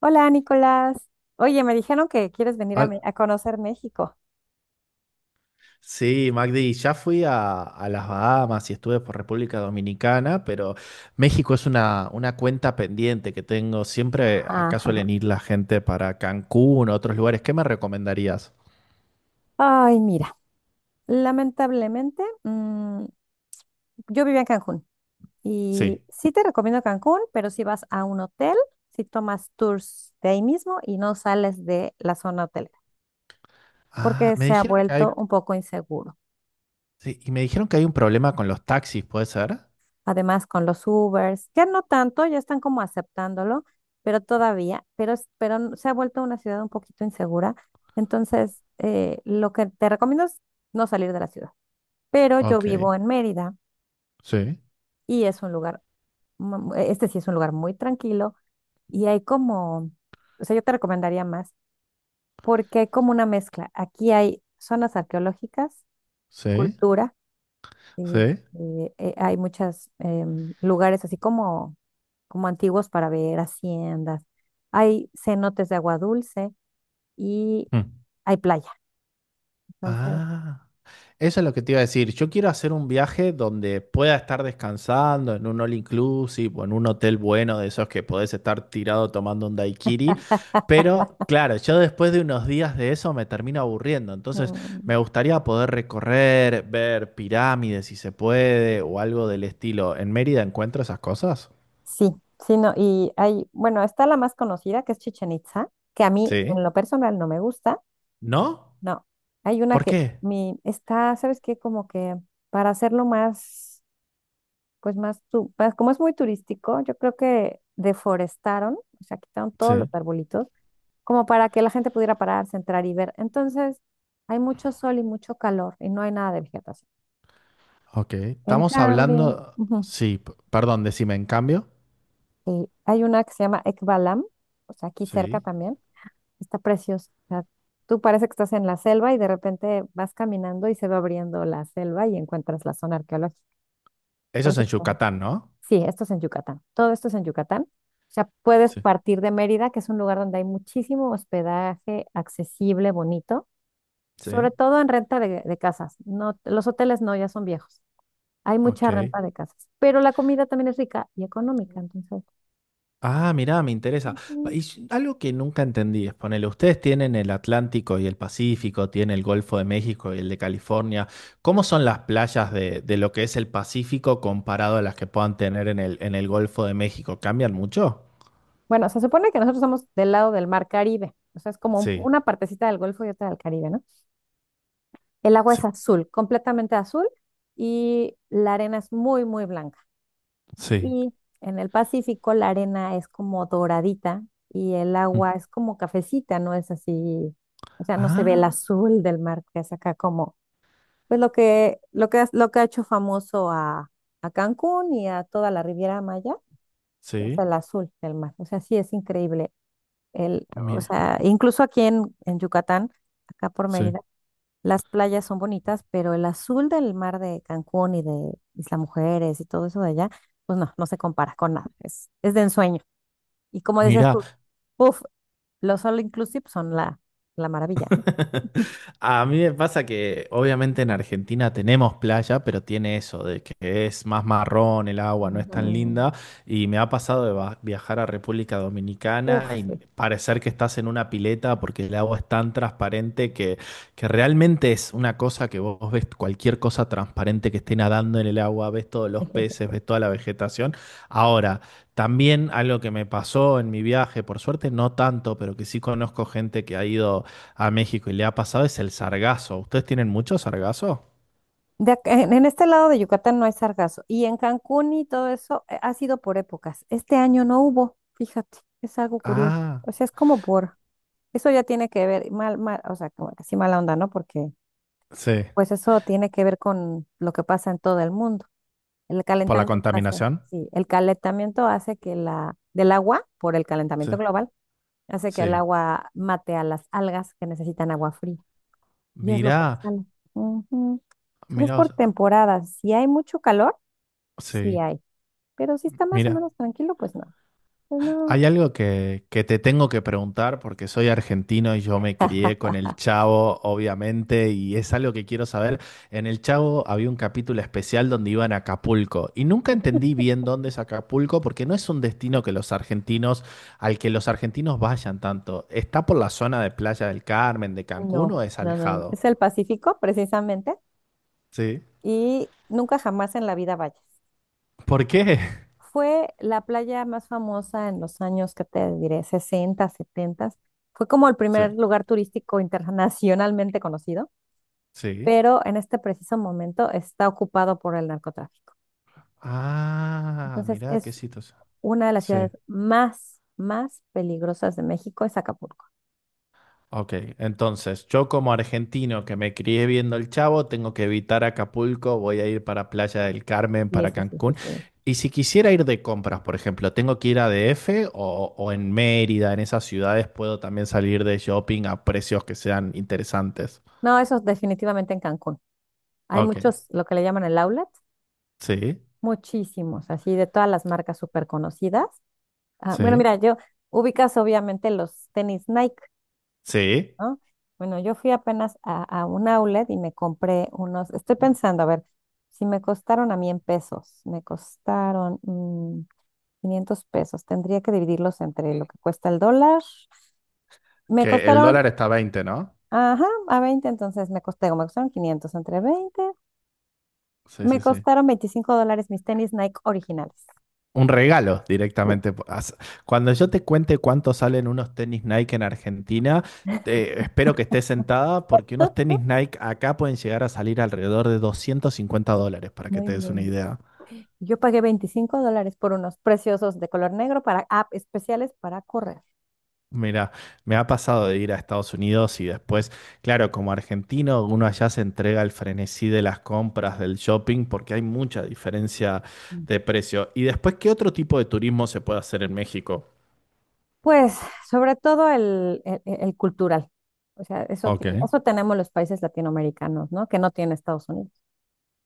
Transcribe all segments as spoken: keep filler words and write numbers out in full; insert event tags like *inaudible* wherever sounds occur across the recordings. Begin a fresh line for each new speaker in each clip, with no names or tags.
Hola, Nicolás. Oye, me dijeron que quieres venir a, Me-
Al-
a conocer México.
Sí, Magdi, ya fui a, a las Bahamas y estuve por República Dominicana, pero México es una, una cuenta pendiente que tengo. Siempre acá
Ajá.
suelen ir la gente para Cancún o otros lugares. ¿Qué me recomendarías?
Ay, mira, lamentablemente, mm, yo vivía en Cancún y
Sí.
sí te recomiendo Cancún, pero si vas a un hotel, si tomas tours de ahí mismo y no sales de la zona hotelera,
Ah,
porque
me
se ha
dijeron que
vuelto
hay,
un poco inseguro.
sí, y me dijeron que hay un problema con los taxis, ¿puede ser?
Además, con los Ubers, ya no tanto, ya están como aceptándolo, pero todavía, pero, es- pero n- se ha vuelto una ciudad un poquito insegura. Entonces, eh, lo que te recomiendo es no salir de la ciudad. Pero yo
Ok,
vivo en Mérida
sí,
y es un lugar, mu- este sí es un lugar muy tranquilo y hay como, o sea, yo te recomendaría más porque hay como una mezcla. Aquí hay zonas arqueológicas,
sí,
cultura.
sí.
Este, eh, hay muchos lugares así como, como antiguos para ver haciendas. Hay cenotes de agua dulce y
Mm.
hay playa. Entonces,
Ah, eso es lo que te iba a decir. Yo quiero hacer un viaje donde pueda estar descansando en un all inclusive o en un hotel bueno de esos que podés estar tirado tomando un daiquiri. Pero claro, yo después de unos días de eso me termino aburriendo. Entonces
mm,
me gustaría poder recorrer, ver pirámides si se puede o algo del estilo. ¿En Mérida encuentro esas cosas?
sí, sí, no. Y hay, bueno, está la más conocida que es Chichen Itza, que a mí en
Sí.
lo personal no me gusta.
¿No?
No, hay una
¿Por
que
qué?
mi, está, ¿sabes qué? Como que para hacerlo más, pues más, tu- más- como es muy turístico, yo creo que deforestaron, o sea, quitaron todos los
Sí.
arbolitos como para que la gente pudiera pararse, entrar y ver. Entonces, hay mucho sol y mucho calor y no hay nada de vegetación.
Ok.
En
Estamos
cambio,
hablando...
ujú,
Sí, p- perdón, decime en cambio.
eh, hay una que se llama Ekbalam, o sea, aquí cerca
Sí.
también, está preciosa. O sea, tú parece que estás en la selva y de repente vas caminando y se va abriendo la selva y encuentras la zona arqueológica.
Eso es
Parece
en
que-
Yucatán, ¿no?
Sí, esto es en Yucatán. Todo esto es en Yucatán. O sea, puedes
Sí.
partir de Mérida, que es un lugar donde hay muchísimo hospedaje accesible, bonito sobre
Sí,
todo en renta de, de casas. No, los hoteles no, ya son viejos. Hay mucha
ok.
renta de casas, pero la comida también es rica y económica, entonces.
Ah, mirá, me interesa. Pa-
Mm.
Y s- algo que nunca entendí es, ponele, ustedes tienen el Atlántico y el Pacífico, tienen el Golfo de México y el de California. ¿Cómo son las playas de, de lo que es el Pacífico comparado a las que puedan tener en el, en el Golfo de México? ¿Cambian mucho?
Bueno, se supone que nosotros somos del lado del mar Caribe, o sea, es como un-
Sí.
una partecita del Golfo y otra del Caribe, ¿no? El agua es
Sí,
azul, completamente azul, y la arena es muy, muy blanca.
sí,
Y en el Pacífico la arena es como doradita y el
mm,
agua es como cafecita, no es así, o sea, no se ve el
ah,
azul del mar, que es acá como. Pues lo que, lo que, lo que ha hecho famoso a, a Cancún y a toda la Riviera Maya es
sí.
el azul del mar. O sea, sí es increíble. El, o
Mira.
sea, incluso aquí en, en Yucatán, acá por
Sí.
Mérida, las playas son bonitas, pero el azul del mar de Cancún y de Isla Mujeres y todo eso de allá, pues no, no se compara con nada. Es, es de ensueño. Y como decías
Mira.
tú, uff, los all inclusive son la, la maravilla, ¿no?
*laughs* A mí me pasa que obviamente en Argentina tenemos playa, pero tiene eso de que es más marrón el agua, no es tan
Ujú.
linda. Y me ha pasado de va- viajar a República
Uf,
Dominicana y
sí.
parecer que estás en una pileta porque el agua es tan transparente que, que realmente es una cosa que vos ves cualquier cosa transparente que esté nadando en el agua, ves todos los
*laughs*
peces, ves toda la vegetación. Ahora, también algo que me pasó en mi viaje, por suerte no tanto, pero que sí conozco gente que ha ido a México y le ha pasado es el sargazo. ¿Ustedes tienen mucho sargazo?
De ac- en en este lado de Yucatán no hay sargazo. Y en Cancún y todo eso eh, ha sido por épocas. Este año no hubo, fíjate, es algo curioso.
Ah,
O sea, es como por, eso ya tiene que ver, mal, mal, o sea, como que sí mala onda, ¿no? Porque
sí.
pues eso tiene que ver con lo que pasa en todo el mundo. El
¿Por la
calentamiento hace,
contaminación?
sí, el calentamiento hace que la, del agua, por el
Sí.
calentamiento global, hace que el
Sí.
agua mate a las algas que necesitan agua fría. Y es lo que
Mirá,
sale. Ujú. Entonces es
mirá, o
por
sea,
temporadas. Si hay mucho calor, Sí
sí,
hay, pero si está más o
mira.
menos tranquilo, pues no. Pues no.
Hay algo que, que te tengo que preguntar porque soy argentino y yo me crié con
*laughs*
el Chavo, obviamente, y es algo que quiero saber. En el Chavo había un capítulo especial donde iban a Acapulco y nunca entendí bien dónde es Acapulco porque no es un destino que los argentinos, al que los argentinos vayan tanto. ¿Está por la zona de Playa del Carmen, de Cancún
No,
o es
no, no, no.
alejado?
Es el Pacífico, precisamente,
Sí.
y nunca jamás en la vida vayas.
¿Por qué? *laughs*
Fue la playa más famosa en los años, ¿que te diré? sesenta, setenta. Fue como el
Sí.
primer lugar turístico internacionalmente conocido,
Sí.
pero en este preciso momento está ocupado por el narcotráfico.
Ah,
Entonces,
mirá, qué
es
situación.
una de las ciudades más, más peligrosas de México, es Acapulco.
Ok, entonces yo como argentino que me crié viendo El Chavo, tengo que evitar Acapulco, voy a ir para Playa del Carmen,
Sí,
para
sí, sí, sí,
Cancún.
sí.
Y si quisiera ir de compras, por ejemplo, ¿tengo que ir a D F o, o en Mérida, en esas ciudades puedo también salir de shopping a precios que sean interesantes?
No, eso es definitivamente en Cancún. Hay
Ok,
muchos, lo que le llaman el outlet,
sí,
muchísimos, así de todas las marcas súper conocidas. Ah, bueno,
sí,
mira, yo ubicas obviamente los tenis Nike,
sí.
¿no? Bueno, yo fui apenas a, a un outlet y me compré unos, estoy pensando, a ver, si me costaron a mí en pesos, me costaron mm, quinientos pesos, tendría que dividirlos entre lo que cuesta el dólar. Me
Que el
costaron,
dólar está a veinte, ¿no?
ajá, a veinte, entonces me costé, me costaron quinientos entre veinte.
Sí,
Me
sí, sí.
costaron veinticinco dólares mis tenis Nike originales.
Un regalo
Sí.
directamente. As- Cuando yo te cuente cuánto salen unos tenis Nike en Argentina, te- espero que estés sentada porque unos tenis Nike acá pueden llegar a salir alrededor de doscientos cincuenta dólares, para
No
que te des una
inventes.
idea.
Yo pagué veinticinco dólares por unos preciosos de color negro para app especiales para correr.
Mira, me ha pasado de ir a Estados Unidos y después, claro, como argentino, uno allá se entrega al frenesí de las compras, del shopping, porque hay mucha diferencia
Mm.
de precio. Y después, ¿qué otro tipo de turismo se puede hacer en México?
Pues sobre todo el, el- el cultural. O sea, eso,
Ok.
tiene- eso tenemos los países latinoamericanos, ¿no? Que no tiene Estados Unidos.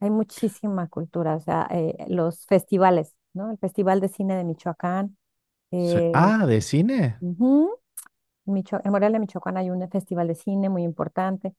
Hay muchísima cultura, o sea, eh, los festivales, ¿no? El Festival de Cine de Michoacán.
Sí.
eh,
Ah, ¿de cine?
Ujú. Micho- en Morelia, Michoacán hay un festival de cine muy importante.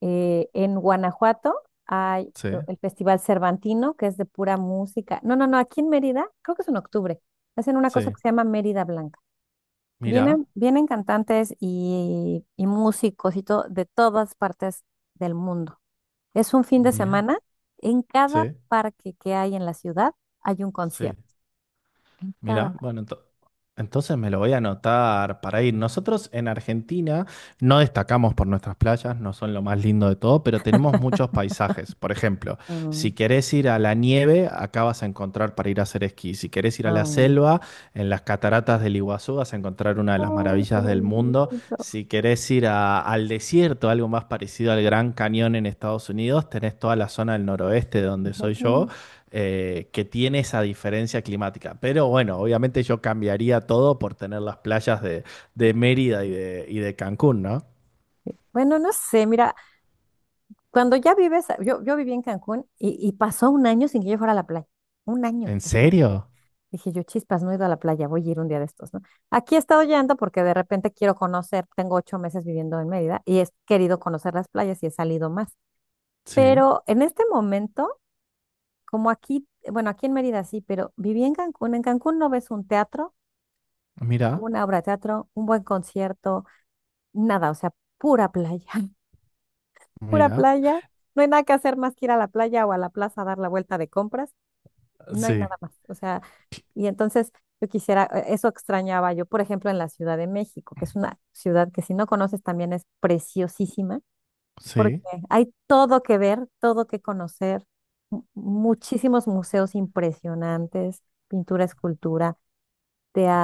Eh, en Guanajuato hay
Sí.
eh, el Festival Cervantino, que es de pura música. No, no, no, aquí en Mérida, creo que es en octubre, hacen una cosa
Sí.
que se llama Mérida Blanca.
Mira,
Vienen, vienen cantantes y, y músicos y todo de todas partes del mundo. Es un fin de
mira,
semana. En cada
sí,
parque que hay en la ciudad hay un
sí,
concierto. En cada
mira,
parque.
bueno, ento- entonces me lo voy a anotar para ir. Nosotros en Argentina no destacamos por nuestras playas, no son lo más lindo de todo, pero tenemos muchos paisajes. Por ejemplo,
Mm,
si querés ir a la nieve, acá vas a encontrar para ir a hacer esquí. Si querés ir a la
mm.
selva, en las cataratas del Iguazú vas a encontrar una de las
Oh, qué
maravillas del
bonito.
mundo. Si querés ir a- al desierto, algo más parecido al Gran Cañón en Estados Unidos, tenés toda la zona del noroeste de donde soy
Fíjate.
yo, eh, que tiene esa diferencia climática. Pero bueno, obviamente yo cambiaría todo por tener las playas de, de Mérida y de, y de Cancún, ¿no?
Bueno, no sé, mira, Cuando ya vives, yo, yo viví en Cancún y, y pasó un año sin que yo fuera a la playa. Un año.
¿En
Ujú.
serio?
Dije yo, chispas, no he ido a la playa, voy a ir un día de estos, ¿no? Aquí he estado yendo porque de repente quiero conocer, tengo ocho meses viviendo en Mérida y he querido conocer las playas y he salido más.
Sí.
Pero en este momento, como aquí, bueno, aquí en Mérida sí, pero viví en Cancún. En Cancún no ves un teatro,
Mira,
una obra de teatro, un buen concierto, nada, o sea, pura playa, *laughs* pura
mira.
playa. No hay nada que hacer más que ir a la playa o a la plaza a dar la vuelta de compras. No hay
Sí,
nada más. O sea, y entonces yo quisiera, eh, eso extrañaba yo, por ejemplo, en la Ciudad de México, que es una ciudad que si no conoces también es preciosísima, porque
sí.
hay todo que ver, todo que conocer, mu- muchísimos museos impresionantes, pintura, escultura,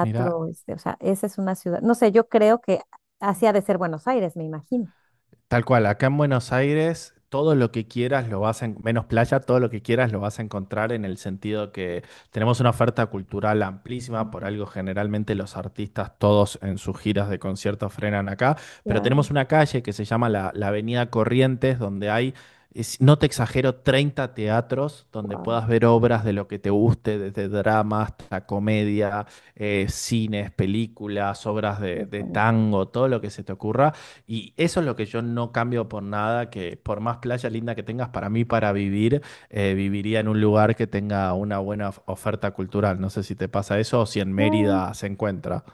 Mira,
este, o sea, esa es una ciudad, no sé, yo creo que así ha de ser Buenos Aires, me imagino.
tal cual, acá en Buenos Aires, todo lo que quieras lo vas a, en- menos playa, todo lo que quieras lo vas a encontrar en el sentido que tenemos una oferta cultural amplísima,
Ujú.
por algo generalmente los artistas todos en sus giras de conciertos frenan acá, pero
Claro.
tenemos una calle que se llama la, la Avenida Corrientes, donde hay, es- no te exagero, treinta teatros donde
Wow,
puedas ver obras de lo que te guste, desde drama hasta comedia, eh, cines, películas, obras de
es
de
bonito.
tango, todo lo que se te ocurra. Y eso es lo que yo no cambio por nada, que por más playa linda que tengas, para mí, para vivir, eh, viviría en un lugar que tenga una buena of- oferta cultural. No sé si te pasa eso o si en
Claro.
Mérida se encuentra.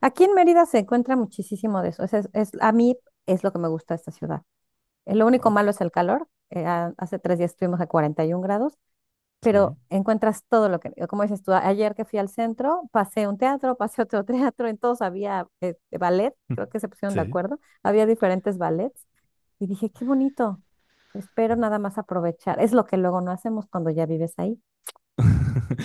Aquí en Mérida se encuentra muchísimo de eso. O sea, es, es- a mí es lo que me gusta de esta ciudad. Eh, Lo único
Oh,
malo es el calor. Eh, a- hace tres días estuvimos a cuarenta y uno grados,
sí.
pero encuentras todo lo que, como dices tú, a- ayer que fui al centro, pasé un teatro, *laughs* pasé otro teatro, en todos había eh, eh, ballet, creo
*laughs*
que se pusieron de
Sí.
acuerdo, había diferentes ballets y dije, qué bonito, espero nada más aprovechar. Es lo que luego no hacemos cuando ya vives ahí.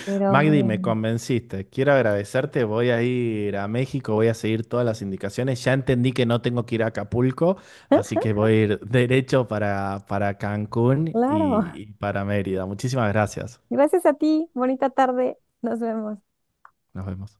Pero
Magdi, me
bueno,
convenciste. Quiero agradecerte. Voy a ir a México, voy a seguir todas las indicaciones. Ya entendí que no tengo que ir a Acapulco, así que voy a ir derecho para, para Cancún y
claro, *laughs*
y para Mérida. Muchísimas gracias.
gracias a ti, bonita tarde, nos vemos.
Nos vemos.